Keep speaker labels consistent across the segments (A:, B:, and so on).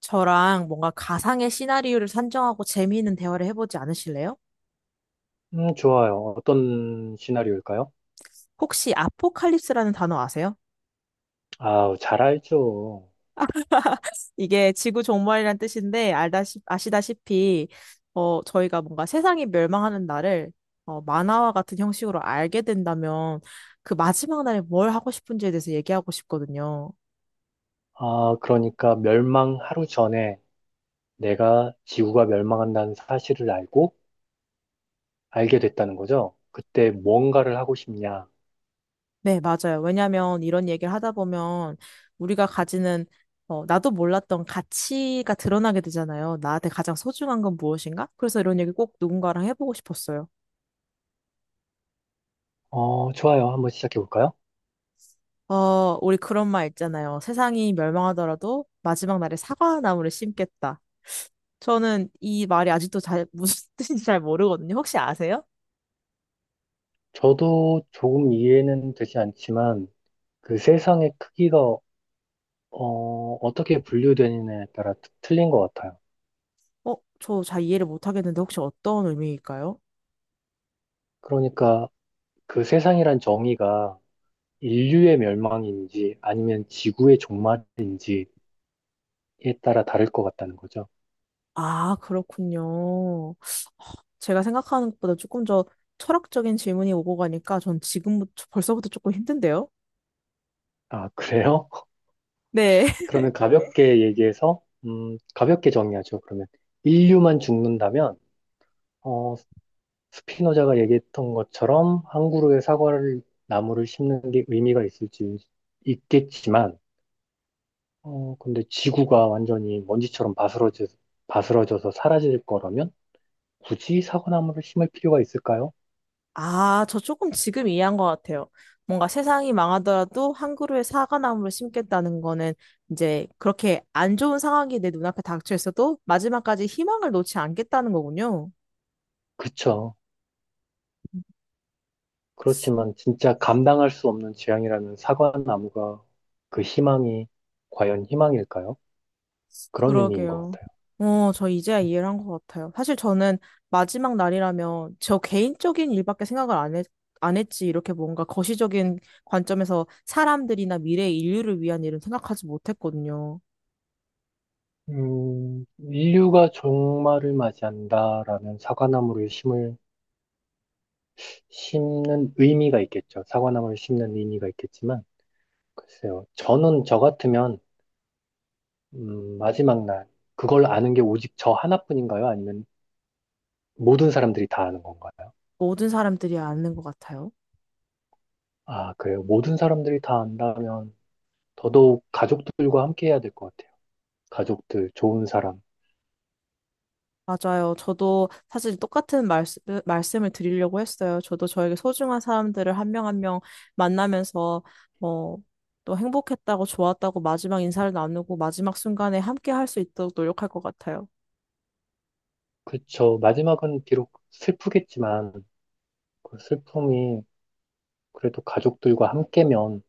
A: 저랑 뭔가 가상의 시나리오를 산정하고 재미있는 대화를 해보지 않으실래요?
B: 좋아요. 어떤 시나리오일까요?
A: 혹시 아포칼립스라는 단어 아세요?
B: 아, 잘 알죠.
A: 이게 지구 종말이란 뜻인데 아시다시피 저희가 뭔가 세상이 멸망하는 날을 만화와 같은 형식으로 알게 된다면 그 마지막 날에 뭘 하고 싶은지에 대해서 얘기하고 싶거든요.
B: 아, 그러니까 멸망 하루 전에 내가 지구가 멸망한다는 사실을 알고 알게 됐다는 거죠. 그때 뭔가를 하고 싶냐?
A: 네, 맞아요. 왜냐하면 이런 얘기를 하다 보면 우리가 가지는 나도 몰랐던 가치가 드러나게 되잖아요. 나한테 가장 소중한 건 무엇인가? 그래서 이런 얘기 꼭 누군가랑 해보고 싶었어요.
B: 어, 좋아요. 한번 시작해 볼까요?
A: 우리 그런 말 있잖아요. 세상이 멸망하더라도 마지막 날에 사과나무를 심겠다. 저는 이 말이 아직도 잘, 무슨 뜻인지 잘 모르거든요. 혹시 아세요?
B: 저도 조금 이해는 되지 않지만 그 세상의 크기가 어, 어떻게 분류되느냐에 따라 틀린 것 같아요.
A: 어, 저 잘 이해를 못 하겠는데 혹시 어떤 의미일까요?
B: 그러니까 그 세상이란 정의가 인류의 멸망인지 아니면 지구의 종말인지 에 따라 다를 것 같다는 거죠.
A: 아, 그렇군요. 제가 생각하는 것보다 조금 더 철학적인 질문이 오고 가니까 전 지금부터 벌써부터 조금 힘든데요?
B: 아, 그래요?
A: 네.
B: 그러면 가볍게 얘기해서, 가볍게 정리하죠. 그러면 인류만 죽는다면, 어, 스피노자가 얘기했던 것처럼 나무를 심는 게 의미가 있을지 있겠지만, 근데 지구가 완전히 먼지처럼 바스러져서 사라질 거라면 굳이 사과나무를 심을 필요가 있을까요?
A: 아, 저 조금 지금 이해한 것 같아요. 뭔가 세상이 망하더라도 한 그루의 사과나무를 심겠다는 거는 이제 그렇게 안 좋은 상황이 내 눈앞에 닥쳐 있어도 마지막까지 희망을 놓지 않겠다는 거군요.
B: 그쵸. 그렇지만 진짜 감당할 수 없는 재앙이라는 사과나무가 그 희망이 과연 희망일까요? 그런 의미인 것
A: 그러게요.
B: 같아요.
A: 저 이제야 이해를 한 것 같아요. 사실 저는 마지막 날이라면 저 개인적인 일밖에 생각을 안 했, 안 했지, 이렇게 뭔가 거시적인 관점에서 사람들이나 미래의 인류를 위한 일은 생각하지 못했거든요.
B: 인류가 종말을 맞이한다라는 심는 의미가 있겠죠. 사과나무를 심는 의미가 있겠지만, 글쎄요. 저는 저 같으면, 마지막 날, 그걸 아는 게 오직 저 하나뿐인가요? 아니면 모든 사람들이 다 아는 건가요?
A: 모든 사람들이 아는 것 같아요.
B: 아, 그래요. 모든 사람들이 다 안다면 더더욱 가족들과 함께 해야 될 것 같아요. 가족들, 좋은 사람.
A: 맞아요. 저도 사실 똑같은 말씀을 드리려고 했어요. 저도 저에게 소중한 사람들을 한 명 한 명 만나면서, 어, 또 행복했다고, 좋았다고, 마지막 인사를 나누고, 마지막 순간에 함께 할 수 있도록 노력할 것 같아요.
B: 그쵸. 마지막은 비록 슬프겠지만, 그 슬픔이 그래도 가족들과 함께면,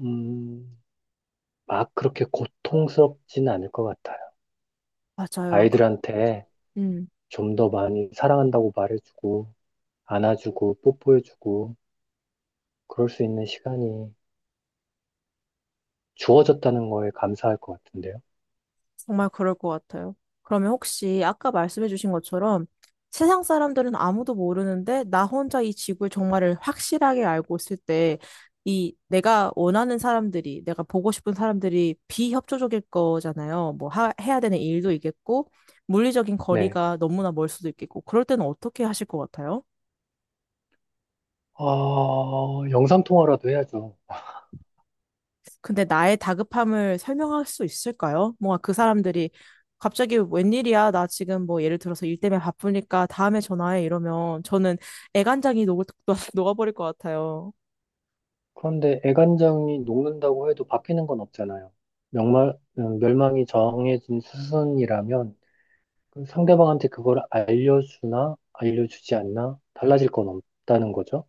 B: 음, 막 그렇게 고통스럽진 않을 것 같아요.
A: 맞아요. 그,
B: 아이들한테
A: 음.
B: 좀 더 많이 사랑한다고 말해주고, 안아주고, 뽀뽀해주고, 그럴 수 있는 시간이 주어졌다는 거에 감사할 것 같은데요.
A: 정말 그럴 것 같아요. 그러면 혹시 아까 말씀해 주신 것처럼 세상 사람들은 아무도 모르는데 나 혼자 이 지구의 정말을 확실하게 알고 있을 때 이 내가 원하는 사람들이 내가 보고 싶은 사람들이 비협조적일 거잖아요. 해야 되는 일도 있겠고 물리적인
B: 네.
A: 거리가 너무나 멀 수도 있겠고 그럴 때는 어떻게 하실 것 같아요?
B: 어, 영상통화라도 해야죠.
A: 근데 나의 다급함을 설명할 수 있을까요? 뭔가 그 사람들이 갑자기 웬일이야? 나 지금 뭐 예를 들어서 일 때문에 바쁘니까 다음에 전화해 이러면 저는 애간장이 녹을, 녹아버릴 것 같아요.
B: 그런데 애간장이 녹는다고 해도 바뀌는 건 없잖아요. 멸망이 정해진 수순이라면 그 상대방한테 그걸 알려주나 알려주지 않나 달라질 건 없다는 거죠.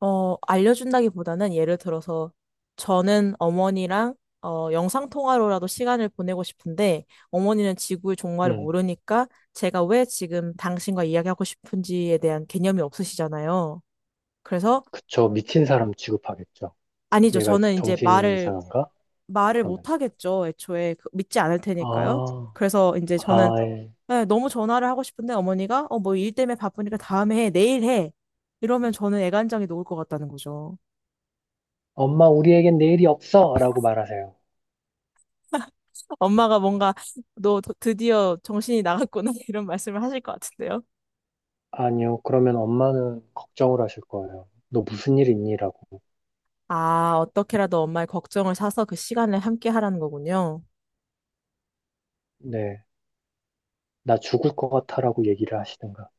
A: 알려준다기보다는 예를 들어서 저는 어머니랑 영상통화로라도 시간을 보내고 싶은데 어머니는 지구의 종말을
B: 음,
A: 모르니까 제가 왜 지금 당신과 이야기하고 싶은지에 대한 개념이 없으시잖아요. 그래서
B: 그쵸. 미친 사람 취급하겠죠.
A: 아니죠.
B: 얘가
A: 저는 이제
B: 정신이 이상한가?
A: 말을 못
B: 그러면서.
A: 하겠죠. 애초에 믿지 않을 테니까요.
B: 아,
A: 그래서 이제 저는
B: 아, 예.
A: 네, 너무 전화를 하고 싶은데 어머니가 뭐 일 때문에 바쁘니까 다음에 해, 내일 해. 이러면 저는 애간장이 녹을 것 같다는 거죠.
B: 엄마 우리에겐 내일이 없어! 라고 말하세요.
A: 엄마가 뭔가 너 드디어 정신이 나갔구나 이런 말씀을 하실 것 같은데요.
B: 아니요. 그러면 엄마는 걱정을 하실 거예요. 너 무슨 일 있니? 라고.
A: 아, 어떻게라도 엄마의 걱정을 사서 그 시간을 함께 하라는 거군요.
B: 네. 나 죽을 것 같아라고 얘기를 하시든가.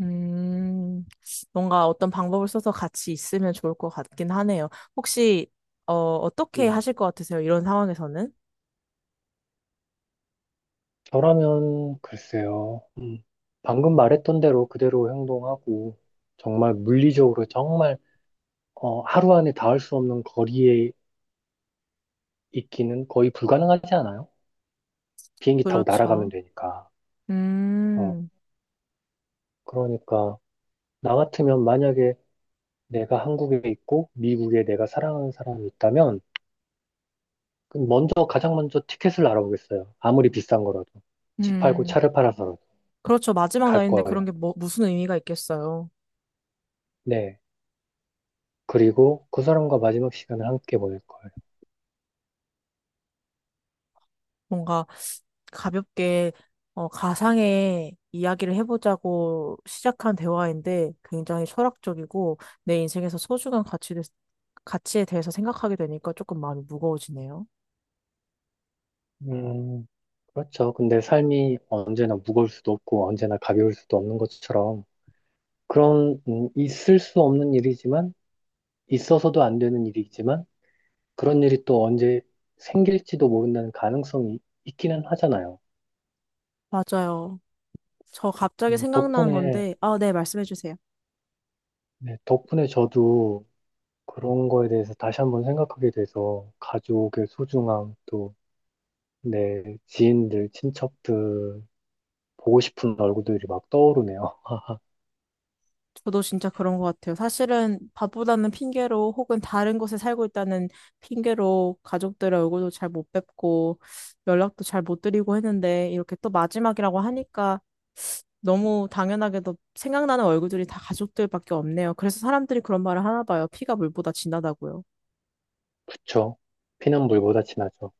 A: 음, 뭔가 어떤 방법을 써서 같이 있으면 좋을 것 같긴 하네요. 혹시, 어떻게
B: 네.
A: 하실 것 같으세요? 이런 상황에서는?
B: 저라면 글쎄요. 방금 말했던 대로 그대로 행동하고 정말 물리적으로 정말 하루 안에 닿을 수 없는 거리에 있기는 거의 불가능하지 않아요? 비행기 타고 날아가면
A: 그렇죠.
B: 되니까. 어,
A: 음,
B: 그러니까 나 같으면 만약에 내가 한국에 있고 미국에 내가 사랑하는 사람이 있다면 그 먼저 가장 먼저 티켓을 알아보겠어요. 아무리 비싼 거라도 집 팔고
A: 음.
B: 차를 팔아서라도
A: 그렇죠. 마지막
B: 갈
A: 날인데 그런
B: 거예요.
A: 게 뭐, 무슨 의미가 있겠어요.
B: 네. 그리고 그 사람과 마지막 시간을 함께 보낼 거예요.
A: 뭔가 가볍게 가상의 이야기를 해보자고 시작한 대화인데 굉장히 철학적이고 내 인생에서 소중한 가치에 대해서 생각하게 되니까 조금 마음이 무거워지네요.
B: 음, 그렇죠. 근데 삶이 언제나 무거울 수도 없고 언제나 가벼울 수도 없는 것처럼 그런 있을 수 없는 일이지만 있어서도 안 되는 일이지만 그런 일이 또 언제 생길지도 모른다는 가능성이 있기는 하잖아요.
A: 맞아요. 저 갑자기 생각나는
B: 덕분에
A: 건데, 아, 네, 말씀해 주세요.
B: 네, 덕분에 저도 그런 거에 대해서 다시 한번 생각하게 돼서 가족의 소중함 또 내 지인들, 친척들 보고 싶은 얼굴들이 막 떠오르네요.
A: 저도 진짜 그런 것 같아요. 사실은 밥보다는 핑계로 혹은 다른 곳에 살고 있다는 핑계로 가족들의 얼굴도 잘 못 뵙고 연락도 잘 못 드리고 했는데 이렇게 또 마지막이라고 하니까 너무 당연하게도 생각나는 얼굴들이 다 가족들밖에 없네요. 그래서 사람들이 그런 말을 하나 봐요. 피가 물보다 진하다고요.
B: 그쵸? 피난물보다 진하죠.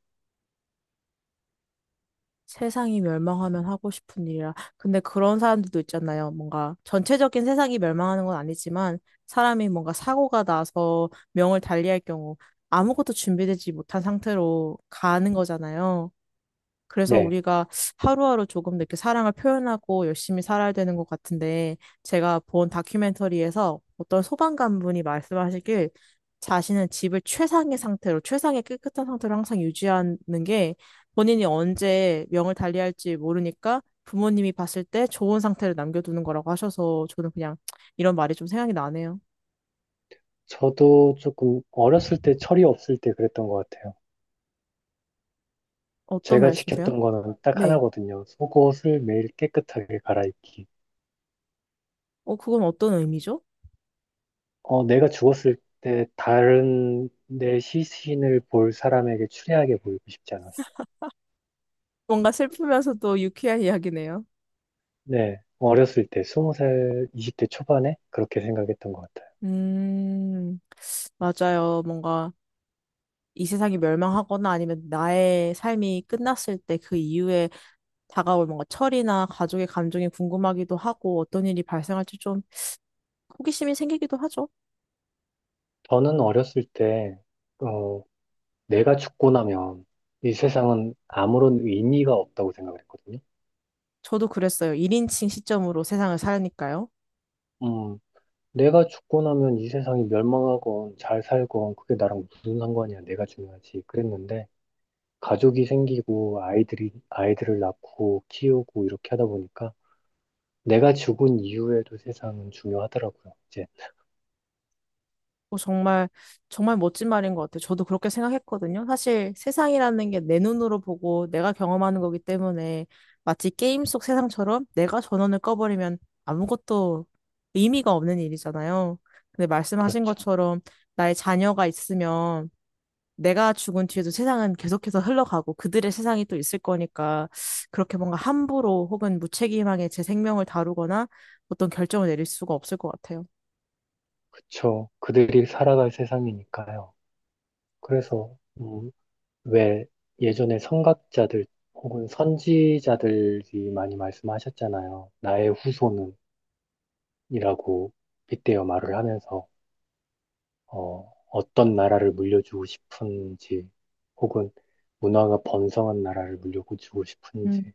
A: 세상이 멸망하면 하고 싶은 일이라. 근데 그런 사람들도 있잖아요. 뭔가 전체적인 세상이 멸망하는 건 아니지만 사람이 뭔가 사고가 나서 명을 달리할 경우 아무것도 준비되지 못한 상태로 가는 거잖아요. 그래서
B: 네.
A: 우리가 하루하루 조금 더 이렇게 사랑을 표현하고 열심히 살아야 되는 것 같은데, 제가 본 다큐멘터리에서 어떤 소방관분이 말씀하시길, 자신은 집을 최상의 상태로, 최상의 깨끗한 상태로 항상 유지하는 게 본인이 언제 명을 달리할지 모르니까 부모님이 봤을 때 좋은 상태를 남겨두는 거라고 하셔서 저는 그냥 이런 말이 좀 생각이 나네요.
B: 저도 조금 어렸을 때 철이 없을 때 그랬던 것 같아요.
A: 어떤
B: 제가
A: 말씀이세요?
B: 지켰던 거는 딱
A: 네.
B: 하나거든요. 속옷을 매일 깨끗하게 갈아입기.
A: 그건 어떤 의미죠?
B: 어, 내가 죽었을 때 다른 내 시신을 볼 사람에게 추리하게 보이고 싶지 않았어요.
A: 뭔가 슬프면서도 유쾌한 이야기네요.
B: 네. 어렸을 때, 20살, 이십 대 초반에 그렇게 생각했던 것 같아요.
A: 음. 맞아요. 뭔가 이 세상이 멸망하거나 아니면 나의 삶이 끝났을 때 그 이후에 다가올 뭔가 철이나 가족의 감정이 궁금하기도 하고 어떤 일이 발생할지 좀 호기심이 생기기도 하죠.
B: 저는 어렸을 때, 어, 내가 죽고 나면 이 세상은 아무런 의미가 없다고 생각을 했거든요.
A: 저도 그랬어요. 1인칭 시점으로 세상을 살니까요.
B: 음, 내가 죽고 나면 이 세상이 멸망하건 잘 살건 그게 나랑 무슨 상관이야. 내가 중요하지. 그랬는데 가족이 생기고 아이들이 아이들을 낳고 키우고 이렇게 하다 보니까 내가 죽은 이후에도 세상은 중요하더라고요. 이제
A: 어, 정말, 정말 멋진 말인 것 같아요. 저도 그렇게 생각했거든요. 사실 세상이라는 게 내 눈으로 보고 내가 경험하는 거기 때문에 마치 게임 속 세상처럼 내가 전원을 꺼버리면 아무것도 의미가 없는 일이잖아요. 근데 말씀하신
B: 그렇죠.
A: 것처럼 나의 자녀가 있으면 내가 죽은 뒤에도 세상은 계속해서 흘러가고 그들의 세상이 또 있을 거니까 그렇게 뭔가 함부로 혹은 무책임하게 제 생명을 다루거나 어떤 결정을 내릴 수가 없을 것 같아요.
B: 그쵸. 그들이 살아갈 세상이니까요. 그래서 왜 예전에 선각자들 혹은 선지자들이 많이 말씀하셨잖아요. 나의 후손은이라고 빗대어 말을 하면서 어떤 나라를 물려주고 싶은지, 혹은 문화가 번성한 나라를 물려주고 싶은지.
A: 음,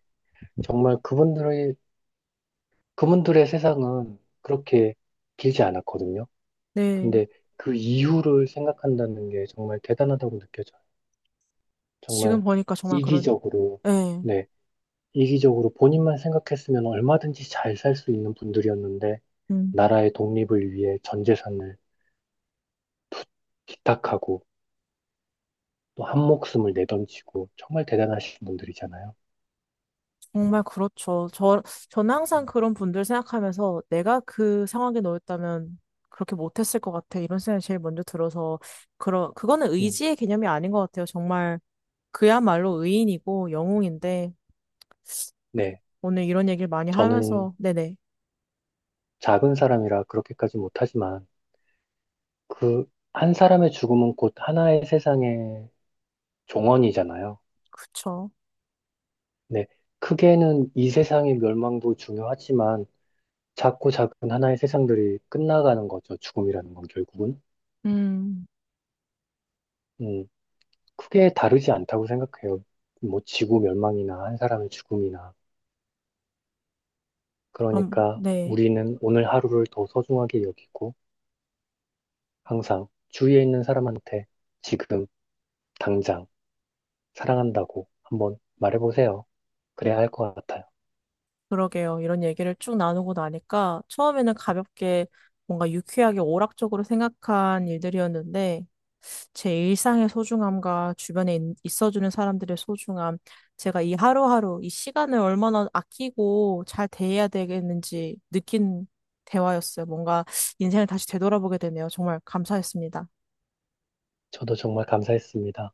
B: 정말 그분들의 세상은 그렇게 길지 않았거든요.
A: 네.
B: 근데 그 이유를 생각한다는 게 정말 대단하다고 느껴져요.
A: 지금
B: 정말
A: 보니까 정말 그런,
B: 이기적으로,
A: 네.
B: 네, 이기적으로 본인만 생각했으면 얼마든지 잘 살 수 있는 분들이었는데,
A: 음,
B: 나라의 독립을 위해 전 재산을 기탁하고, 또 한 목숨을 내던지고, 정말 대단하신 분들이잖아요.
A: 정말 그렇죠. 저는 항상
B: 음,
A: 그런 분들 생각하면서 내가 그 상황에 놓였다면 그렇게 못했을 것 같아. 이런 생각이 제일 먼저 들어서, 그거는
B: 음,
A: 의지의 개념이 아닌 것 같아요. 정말 그야말로 의인이고 영웅인데
B: 네.
A: 오늘 이런 얘기를 많이
B: 저는
A: 하면서 네네
B: 작은 사람이라 그렇게까지 못하지만, 그, 한 사람의 죽음은 곧 하나의 세상의 종언이잖아요.
A: 그쵸.
B: 네. 크게는 이 세상의 멸망도 중요하지만, 작고 작은 하나의 세상들이 끝나가는 거죠. 죽음이라는 건 결국은.
A: 음,
B: 음, 크게 다르지 않다고 생각해요. 뭐, 지구 멸망이나 한 사람의 죽음이나.
A: 그럼
B: 그러니까,
A: 네
B: 우리는 오늘 하루를 더 소중하게 여기고, 항상 주위에 있는 사람한테 지금, 당장, 사랑한다고 한번 말해보세요. 그래야 할 것 같아요.
A: 그러게요. 이런 얘기를 쭉 나누고 나니까 처음에는 가볍게 뭔가 유쾌하게 오락적으로 생각한 일들이었는데 제 일상의 소중함과 주변에 있어주는 사람들의 소중함, 제가 이 하루하루 이 시간을 얼마나 아끼고 잘 대해야 되겠는지 느낀 대화였어요. 뭔가 인생을 다시 되돌아보게 되네요. 정말 감사했습니다.
B: 저도 정말 감사했습니다.